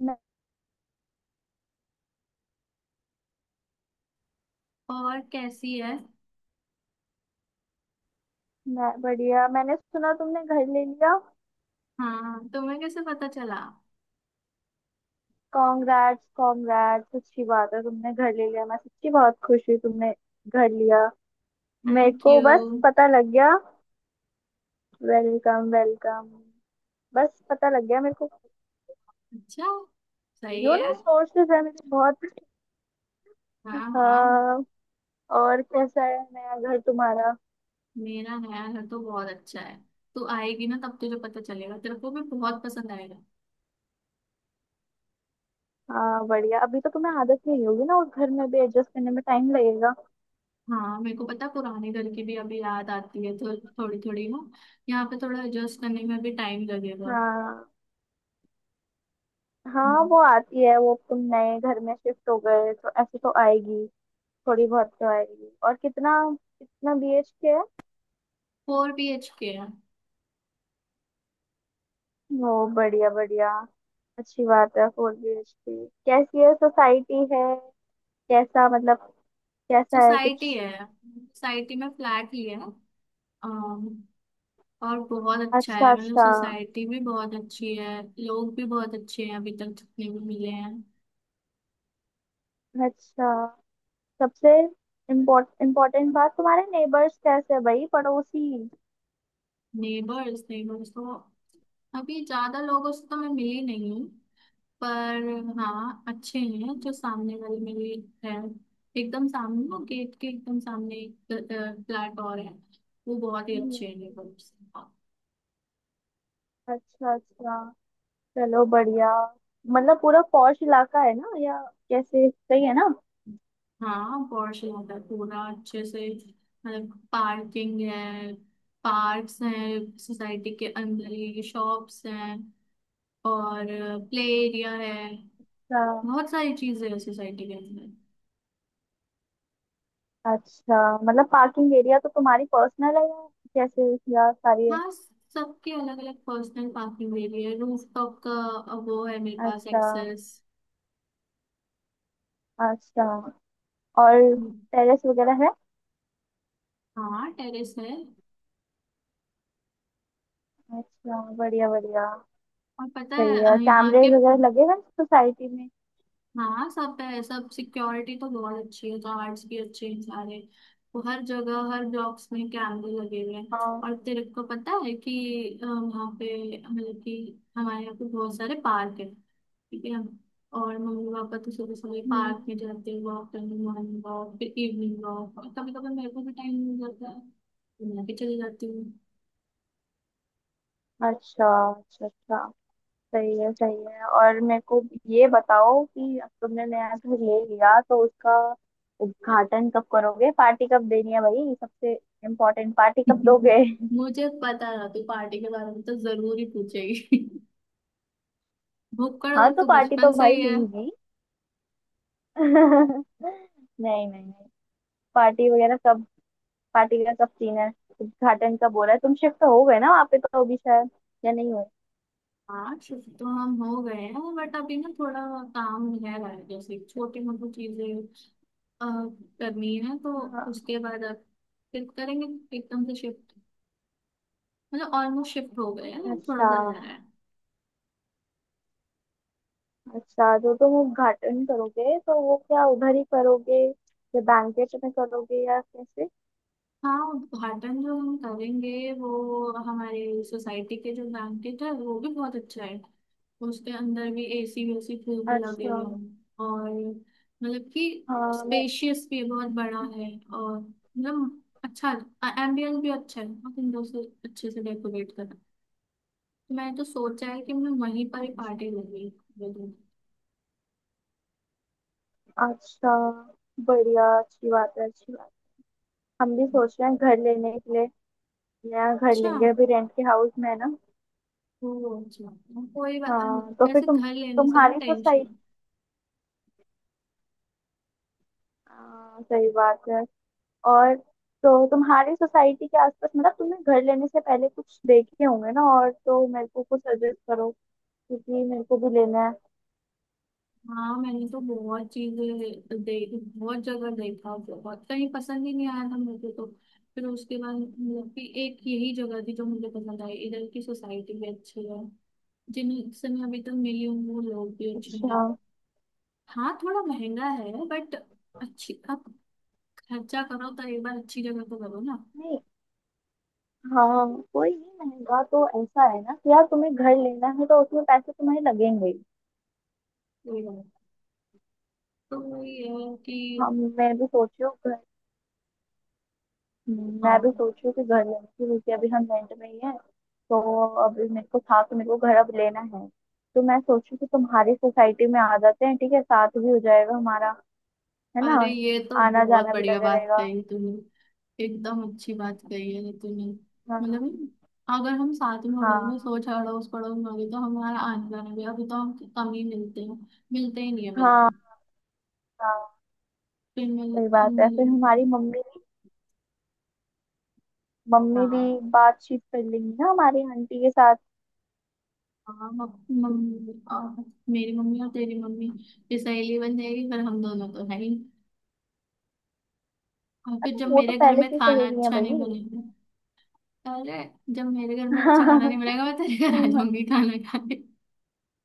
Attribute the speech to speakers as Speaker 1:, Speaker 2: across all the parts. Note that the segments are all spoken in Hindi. Speaker 1: मैं,
Speaker 2: और कैसी है।
Speaker 1: मैं बढ़िया। मैंने सुना तुमने घर ले लिया,
Speaker 2: हाँ, तुम्हें कैसे पता चला।
Speaker 1: कॉन्ग्रेट्स कॉन्ग्रेट्स, अच्छी बात है, तुमने घर ले लिया, मैं सच्ची बहुत खुश हुई तुमने घर लिया। मेरे
Speaker 2: थैंक
Speaker 1: को
Speaker 2: यू।
Speaker 1: बस पता लग गया। Welcome, welcome. बस पता लग गया मेरे को।
Speaker 2: अच्छा। सही है।
Speaker 1: सोर्सेस है मेरे बहुत।
Speaker 2: हाँ, हाँ।
Speaker 1: हाँ। और कैसा है नया घर तुम्हारा?
Speaker 2: मेरा नया घर तो बहुत अच्छा है। तू आएगी ना तब तुझे पता चलेगा, तेरे को भी बहुत पसंद आएगा।
Speaker 1: हाँ बढ़िया, अभी तो तुम्हें आदत नहीं होगी ना, उस घर में भी एडजस्ट करने में टाइम लगेगा।
Speaker 2: हाँ मेरे को पता है, पुराने घर की भी अभी याद आती है थोड़ी थोड़ी ना। यहाँ पे थोड़ा एडजस्ट करने में भी टाइम लगेगा।
Speaker 1: हाँ। हाँ, वो आती है, वो तुम नए घर में शिफ्ट हो गए तो ऐसे तो आएगी, थोड़ी बहुत तो आएगी। और कितना कितना बीएचके है?
Speaker 2: फोर बी एच के है।
Speaker 1: ओ बढ़िया, बढ़िया, अच्छी बात है। 4 बीएचके, कैसी है, सोसाइटी है? कैसा मतलब? कैसा है
Speaker 2: सोसाइटी
Speaker 1: कुछ?
Speaker 2: है, सोसाइटी में फ्लैट ही है। और बहुत अच्छा
Speaker 1: अच्छा,
Speaker 2: है, मतलब
Speaker 1: अच्छा।
Speaker 2: सोसाइटी भी बहुत अच्छी है। लोग भी बहुत अच्छे हैं अभी तक जितने भी मिले हैं।
Speaker 1: अच्छा। सबसे इम्पोर्टेंट बात, तुम्हारे नेबर्स कैसे है, भाई, पड़ोसी?
Speaker 2: नेबर्स, नेबर्स तो अभी ज्यादा लोगों से तो मैं मिली नहीं हूँ। पर हाँ, अच्छे हैं
Speaker 1: हम्म।
Speaker 2: जो सामने वाले मेरे है। एकदम सामने, वो गेट के एकदम सामने फ्लैट और है। वो बहुत ही
Speaker 1: हम्म।
Speaker 2: अच्छे हैं नेबर्स।
Speaker 1: अच्छा, अच्छा, चलो बढ़िया। मतलब पूरा पॉश इलाका है ना, या कैसे, सही है ना?
Speaker 2: हाँ पॉश इलाका है पूरा अच्छे से। मतलब पार्किंग है, पार्क्स हैं, सोसाइटी के अंदर ही शॉप्स हैं और प्ले एरिया है।
Speaker 1: अच्छा,
Speaker 2: बहुत सारी चीजें है सोसाइटी के अंदर।
Speaker 1: अच्छा। मतलब पार्किंग एरिया तो तुम्हारी पर्सनल है या कैसे, या सारी है?
Speaker 2: हाँ, सबके अलग अलग पर्सनल पार्किंग एरिया है। रूफ टॉप का वो है, मेरे पास
Speaker 1: अच्छा,
Speaker 2: एक्सेस।
Speaker 1: अच्छा। और टेरेस वगैरह है?
Speaker 2: हाँ, टेरेस है।
Speaker 1: अच्छा, बढ़िया, बढ़िया।
Speaker 2: और पता
Speaker 1: सही
Speaker 2: है
Speaker 1: है।
Speaker 2: यहाँ
Speaker 1: कैमरे
Speaker 2: के।
Speaker 1: वगैरह लगे हुए हैं सोसाइटी में?
Speaker 2: हाँ सब है, सब सिक्योरिटी तो बहुत अच्छी है, गार्ड्स भी अच्छे हैं सारे। वो हर जगह, हर ब्लॉक्स में कैमरे लगे हुए हैं।
Speaker 1: हाँ।
Speaker 2: और तेरे को पता है कि वहाँ पे मतलब कि हमारे यहाँ पे बहुत सारे पार्क है। ठीक है। और मम्मी पापा तो सुबह सुबह पार्क
Speaker 1: हम्म।
Speaker 2: में जाते हैं वॉक करने, मॉर्निंग वॉक फिर इवनिंग वॉक। और कभी कभी मेरे को भी टाइम मिल जाता है तो मैं भी चली जाती हूँ।
Speaker 1: अच्छा, अच्छा, अच्छा। सही है, सही है। और मेरे को ये बताओ कि अब तुमने नया घर ले लिया तो उसका उद्घाटन कब करोगे? पार्टी कब देनी है भाई? सबसे इम्पोर्टेंट, पार्टी कब दोगे?
Speaker 2: मुझे पता था तू पार्टी के बारे में तो जरूर ही पूछेगी। भुक्कड़ तो
Speaker 1: हाँ, तो
Speaker 2: तू
Speaker 1: पार्टी तो
Speaker 2: बचपन से
Speaker 1: भाई
Speaker 2: ही है।
Speaker 1: दूंगी। नहीं। नहीं, नहीं, पार्टी वगैरह सब, पार्टी का सब सीन है। उद्घाटन का बोला है, तुम शिफ्ट हो गए ना वहाँ पे तो अभी शायद, या नहीं हो।
Speaker 2: हाँ शिफ्ट तो हम हो गए हैं बट अभी ना थोड़ा काम रह रहा है घर। जैसे छोटी मोटी चीजें अ, करनी है तो
Speaker 1: हाँ।
Speaker 2: उसके बाद अब फिर करेंगे एकदम से शिफ्ट। मतलब ऑलमोस्ट शिफ्ट हो गए हैं, थोड़ा
Speaker 1: अच्छा,
Speaker 2: सा रह रहा है।
Speaker 1: अच्छा, जो तुम उद्घाटन करोगे तो वो क्या उधर ही करोगे या बैंकेट में करोगे, या कैसे?
Speaker 2: हाँ, उद्घाटन जो हम करेंगे वो हमारे सोसाइटी के जो बैंकेट है वो भी बहुत अच्छा है। उसके अंदर भी एसी वेसी खूब लगे
Speaker 1: अच्छा।
Speaker 2: हुए हैं और मतलब कि
Speaker 1: हाँ। मैं
Speaker 2: स्पेशियस भी बहुत बड़ा है और मतलब अच्छा एम्बियंस भी अच्छा है और इन से अच्छे से डेकोरेट करा। तो मैंने तो सोचा है कि मैं वहीं पर ही
Speaker 1: अच्छा,
Speaker 2: पार्टी लगी।
Speaker 1: अच्छा, बढ़िया, अच्छी बात है, अच्छी बात। हम भी सोच रहे हैं घर लेने के लिए, नया घर
Speaker 2: अच्छा।
Speaker 1: लेंगे, अभी रेंट के हाउस में है ना।
Speaker 2: वो अच्छा। कोई बात।
Speaker 1: हाँ, तो फिर
Speaker 2: वैसे
Speaker 1: तुम
Speaker 2: घर लेने से ना
Speaker 1: तुम्हारी सोसाइटी।
Speaker 2: टेंशन।
Speaker 1: हाँ, सही बात है। और तो तुम्हारी सोसाइटी के आसपास, मतलब तुमने घर लेने से पहले कुछ देखे होंगे ना, और तो मेरे को कुछ सजेस्ट करो क्योंकि मेरे को भी लेना है।
Speaker 2: हाँ मैंने तो बहुत चीजें देखी, बहुत जगह देखा, बहुत कहीं पसंद ही नहीं आया था मुझे तो। फिर उसके बाद मतलब कि एक यही जगह थी जो मुझे पसंद आई। इधर की सोसाइटी भी अच्छी है, जिनसे मैं अभी तक मिली हूँ वो लोग भी अच्छे हैं।
Speaker 1: अच्छा।
Speaker 2: हाँ, थोड़ा महंगा है बट अच्छी आप खर्चा करो तो एक बार अच्छी जगह तो करो ना।
Speaker 1: नहीं। हाँ, कोई नहीं, महंगा तो ऐसा है ना कि यार तुम्हें घर लेना है तो उसमें पैसे तुम्हें लगेंगे ही।
Speaker 2: कोई बात नहीं। तो ये है कि
Speaker 1: हाँ, मैं भी सोच रही हूँ घर। मैं भी
Speaker 2: हाँ।
Speaker 1: सोच रही हूँ कि घर लेने की, क्योंकि अभी हम रेंट में ही हैं तो। अभी मेरे को था कि मेरे को घर अब लेना है, तो मैं सोचू कि तुम्हारी सोसाइटी में आ जाते हैं, ठीक है, साथ भी हो जाएगा हमारा, है ना,
Speaker 2: अरे ये तो
Speaker 1: आना
Speaker 2: बहुत
Speaker 1: जाना भी
Speaker 2: बढ़िया
Speaker 1: लगा
Speaker 2: बात
Speaker 1: रहेगा।
Speaker 2: कही तूने। एकदम अच्छी बात कही है तूने।
Speaker 1: हाँ,
Speaker 2: मतलब अगर हम साथ में होंगे,
Speaker 1: हाँ।
Speaker 2: सोच, अड़ोस पड़ोस में होगी तो हमारा आने जाना भी। अभी तो हम कम ही मिलते हैं, मिलते ही नहीं है बिल्कुल।
Speaker 1: हाँ, हाँ,
Speaker 2: फिर मिल,
Speaker 1: सही बात है, फिर
Speaker 2: मिल
Speaker 1: हमारी मम्मी भी
Speaker 2: हाँ
Speaker 1: बातचीत कर लेंगी ना हमारी आंटी के साथ।
Speaker 2: हाँ। मम्मी और मेरी मम्मी और तेरी मम्मी फिर सहेली बन जाएगी। फिर हम दोनों तो है ही। और फिर
Speaker 1: अरे,
Speaker 2: जब
Speaker 1: वो तो
Speaker 2: मेरे घर
Speaker 1: पहले
Speaker 2: में
Speaker 1: से ही
Speaker 2: खाना
Speaker 1: सहेली है
Speaker 2: अच्छा नहीं
Speaker 1: भाई।
Speaker 2: बनेगा। अरे जब मेरे घर में अच्छा खाना नहीं बनेगा मैं तेरे घर आ जाऊंगी खाना खाने।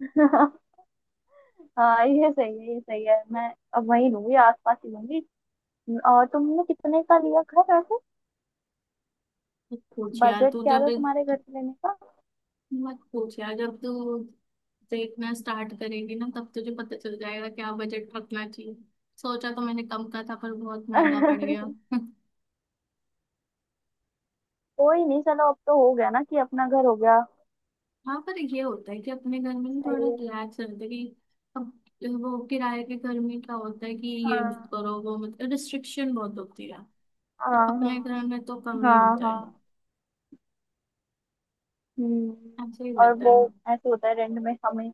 Speaker 1: हाँ, ये सही है, ये सही है। मैं अब वही लूंगी, आसपास ही लूंगी। और तुमने कितने का लिया घर वैसे?
Speaker 2: मत पूछ यार
Speaker 1: बजट
Speaker 2: तू
Speaker 1: क्या
Speaker 2: जब।
Speaker 1: था तुम्हारे घर लेने का?
Speaker 2: मत पूछ यार, जब तू देखना स्टार्ट करेंगे ना तब तुझे पता चल जाएगा क्या बजट रखना चाहिए। सोचा तो मैंने कम का था पर बहुत महंगा पड़ गया।
Speaker 1: कोई नहीं, चलो अब तो हो गया ना कि अपना घर हो गया।
Speaker 2: हाँ पर ये होता है कि अपने घर में ना थोड़ा
Speaker 1: सही है।
Speaker 2: रिलैक्स रहते हैं कि अब। वो किराए के घर में क्या होता है कि ये मत
Speaker 1: हाँ,
Speaker 2: करो वो मत, रिस्ट्रिक्शन बहुत होती है। पर
Speaker 1: हाँ, हाँ,
Speaker 2: अपने घर में तो कम ही
Speaker 1: हाँ,
Speaker 2: होता है,
Speaker 1: हाँ। हम्म।
Speaker 2: ऐसे ही
Speaker 1: और
Speaker 2: रहता
Speaker 1: वो,
Speaker 2: है।
Speaker 1: ऐसे होता है रेंट में हमें,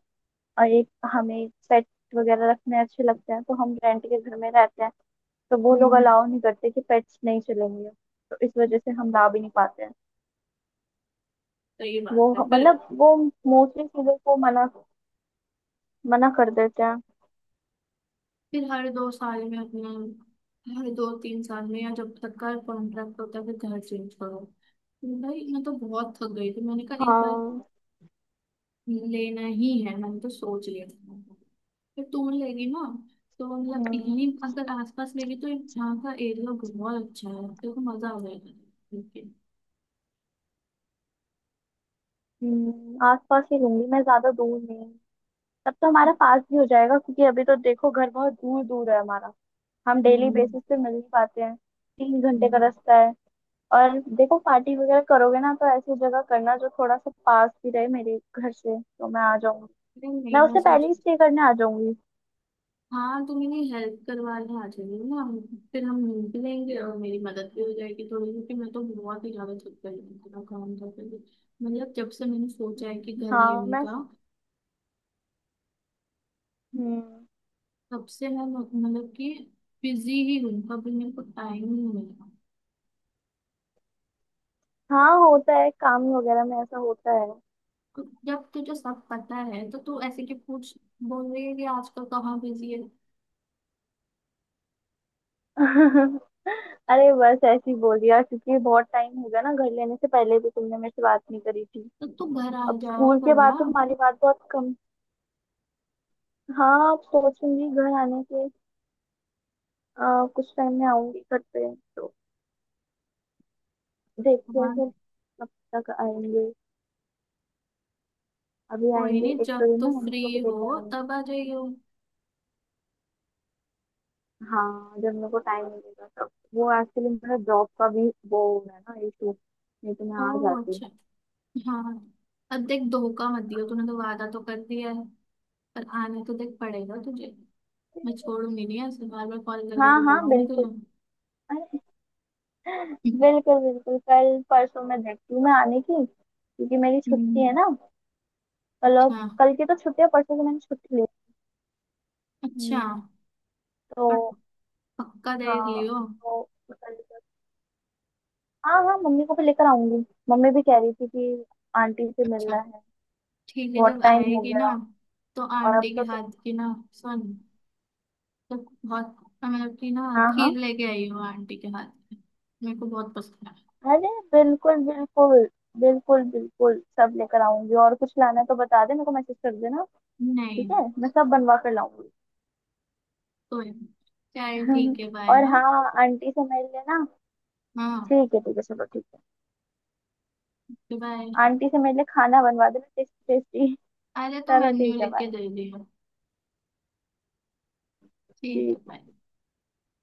Speaker 1: और एक हमें पेट वगैरह रखने अच्छे लगते हैं तो हम रेंट के घर में रहते हैं तो वो लोग
Speaker 2: हम्म।
Speaker 1: अलाउ नहीं करते कि पेट्स नहीं चलेंगे, तो इस वजह से हम ला भी नहीं पाते हैं।
Speaker 2: सही
Speaker 1: वो,
Speaker 2: बात है फिर।
Speaker 1: मतलब वो मोस्टली चीजों को मना मना कर देते हैं।
Speaker 2: फिर हर दो साल में अपना, हर दो तीन साल में या जब तक का कॉन्ट्रैक्ट होता है फिर घर चेंज करो। भाई मैं तो बहुत थक गई थी, मैंने कहा इस बार
Speaker 1: हाँ।
Speaker 2: लेना ही है, मैंने तो सोच लिया था। फिर तू लेगी ना तो मतलब
Speaker 1: हम्म।
Speaker 2: यहीं अगर आसपास लेगी तो यहाँ का एरिया बहुत अच्छा है, तेरे को मजा आ जाएगा। लेकिन
Speaker 1: हम्म, आसपास ही लूंगी मैं, ज्यादा दूर नहीं। तब तो हमारा पास भी हो जाएगा, क्योंकि अभी तो देखो घर बहुत दूर दूर है हमारा, हम डेली बेसिस पे मिल नहीं पाते हैं, 3 घंटे का रास्ता है। और देखो, पार्टी वगैरह करोगे ना तो ऐसी जगह करना जो थोड़ा सा पास भी रहे मेरे घर से, तो मैं आ जाऊंगी,
Speaker 2: नहीं
Speaker 1: मैं
Speaker 2: नहीं, मैं
Speaker 1: उससे पहले
Speaker 2: सोच।
Speaker 1: ही स्टे करने आ जाऊंगी।
Speaker 2: हाँ तो मेरी हेल्प करवाने आ जाएगी ना। फिर हम मिल भी लेंगे और मेरी मदद भी हो जाएगी थोड़ी, क्योंकि मैं तो बहुत ही ज्यादा थक गई हूँ, इतना काम था। फिर मतलब जब से मैंने सोचा है कि घर
Speaker 1: हाँ।
Speaker 2: लेने
Speaker 1: मैं
Speaker 2: का,
Speaker 1: हम्म।
Speaker 2: तब से मैं मतलब कि बिजी ही हूँ, कभी मेरे को टाइम ही नहीं मिला।
Speaker 1: हाँ, होता है, काम वगैरह में ऐसा होता है।
Speaker 2: तो जब तुझे सब पता है तो तू ऐसे क्यों पूछ बोल रही है कि आजकल कहाँ बिजी है।
Speaker 1: अरे, बस ऐसे ही बोल दिया क्योंकि बहुत टाइम हो गया ना, घर लेने से पहले भी तुमने मेरे से बात नहीं करी थी,
Speaker 2: तो तू घर आ
Speaker 1: अब
Speaker 2: जाया
Speaker 1: स्कूल
Speaker 2: कर
Speaker 1: के बाद
Speaker 2: ना।
Speaker 1: तो हमारी बात बहुत कम। हाँ, अब सोचूंगी घर आने के, कुछ टाइम में आऊंगी घर पे तो, देखते हैं
Speaker 2: हाँ।
Speaker 1: फिर कब तक आएंगे, अभी
Speaker 2: कोई
Speaker 1: आएंगे,
Speaker 2: नहीं,
Speaker 1: एक
Speaker 2: जब
Speaker 1: तो ये ना,
Speaker 2: तू
Speaker 1: हम
Speaker 2: फ्री
Speaker 1: लोग को लेकर
Speaker 2: हो
Speaker 1: आएंगे।
Speaker 2: तब आ जाइयो।
Speaker 1: हाँ, जब मेरे को टाइम मिलेगा तब। वो एक्चुअली मेरा जॉब का भी वो हो रहा है ना इशू, नहीं तो मैं आ
Speaker 2: ओह
Speaker 1: जाती।
Speaker 2: अच्छा। हाँ। अब देख, धोखा मत दियो, तूने तो वादा तो कर दिया है पर आने तो देख पड़ेगा तुझे। मैं छोड़ूंगी नहीं, ऐसे बार बार कॉल
Speaker 1: हाँ,
Speaker 2: करके
Speaker 1: हाँ,
Speaker 2: दिलाऊंगी तुझे।
Speaker 1: बिल्कुल। अरे,
Speaker 2: हम्म।
Speaker 1: बिल्कुल, बिल्कुल, कल परसों मैं देखती हूँ मैं आने की, क्योंकि मेरी छुट्टी है
Speaker 2: हम्म।
Speaker 1: ना कल। और
Speaker 2: अच्छा।
Speaker 1: कल की तो छुट्टी है, परसों की मैंने छुट्टी ली।
Speaker 2: अच्छा।
Speaker 1: हम्म।
Speaker 2: पर
Speaker 1: तो।
Speaker 2: पक्का देख
Speaker 1: हाँ,
Speaker 2: लियो।
Speaker 1: तो कल तक-। हाँ, हाँ, मम्मी को भी लेकर आऊंगी, मम्मी भी कह रही थी कि आंटी से
Speaker 2: अच्छा।
Speaker 1: मिलना है,
Speaker 2: ठीक है
Speaker 1: बहुत
Speaker 2: जब
Speaker 1: टाइम हो
Speaker 2: आएगी ना
Speaker 1: गया।
Speaker 2: तो
Speaker 1: और अब
Speaker 2: आंटी के
Speaker 1: तो
Speaker 2: हाथ की ना। सुन तो, बहुत मतलब कि ना
Speaker 1: हाँ, हाँ।
Speaker 2: खीर लेके आई हूँ आंटी के हाथ की, मेरे को बहुत पसंद है।
Speaker 1: अरे, बिल्कुल, बिल्कुल, बिल्कुल, बिल्कुल सब लेकर आऊंगी, और कुछ लाना है तो बता दे, मेरे को मैसेज कर देना,
Speaker 2: नहीं।
Speaker 1: ठीक है, मैं सब बनवा कर लाऊंगी।
Speaker 2: कोई नहीं। चल ठीक है बाय।
Speaker 1: और
Speaker 2: हाँ,
Speaker 1: हाँ, आंटी से मिल लेना,
Speaker 2: हाँ,
Speaker 1: ठीक है, ठीक है, चलो ठीक है।
Speaker 2: बाय।
Speaker 1: आंटी से मेरे लिए खाना बनवा देना, टेस्टी टेस्टी।
Speaker 2: अरे तो
Speaker 1: चलो
Speaker 2: मेन्यू
Speaker 1: ठीक है,
Speaker 2: लिख के
Speaker 1: बाय।
Speaker 2: दे दियो। ठीक है
Speaker 1: ठीक
Speaker 2: बाय।
Speaker 1: है।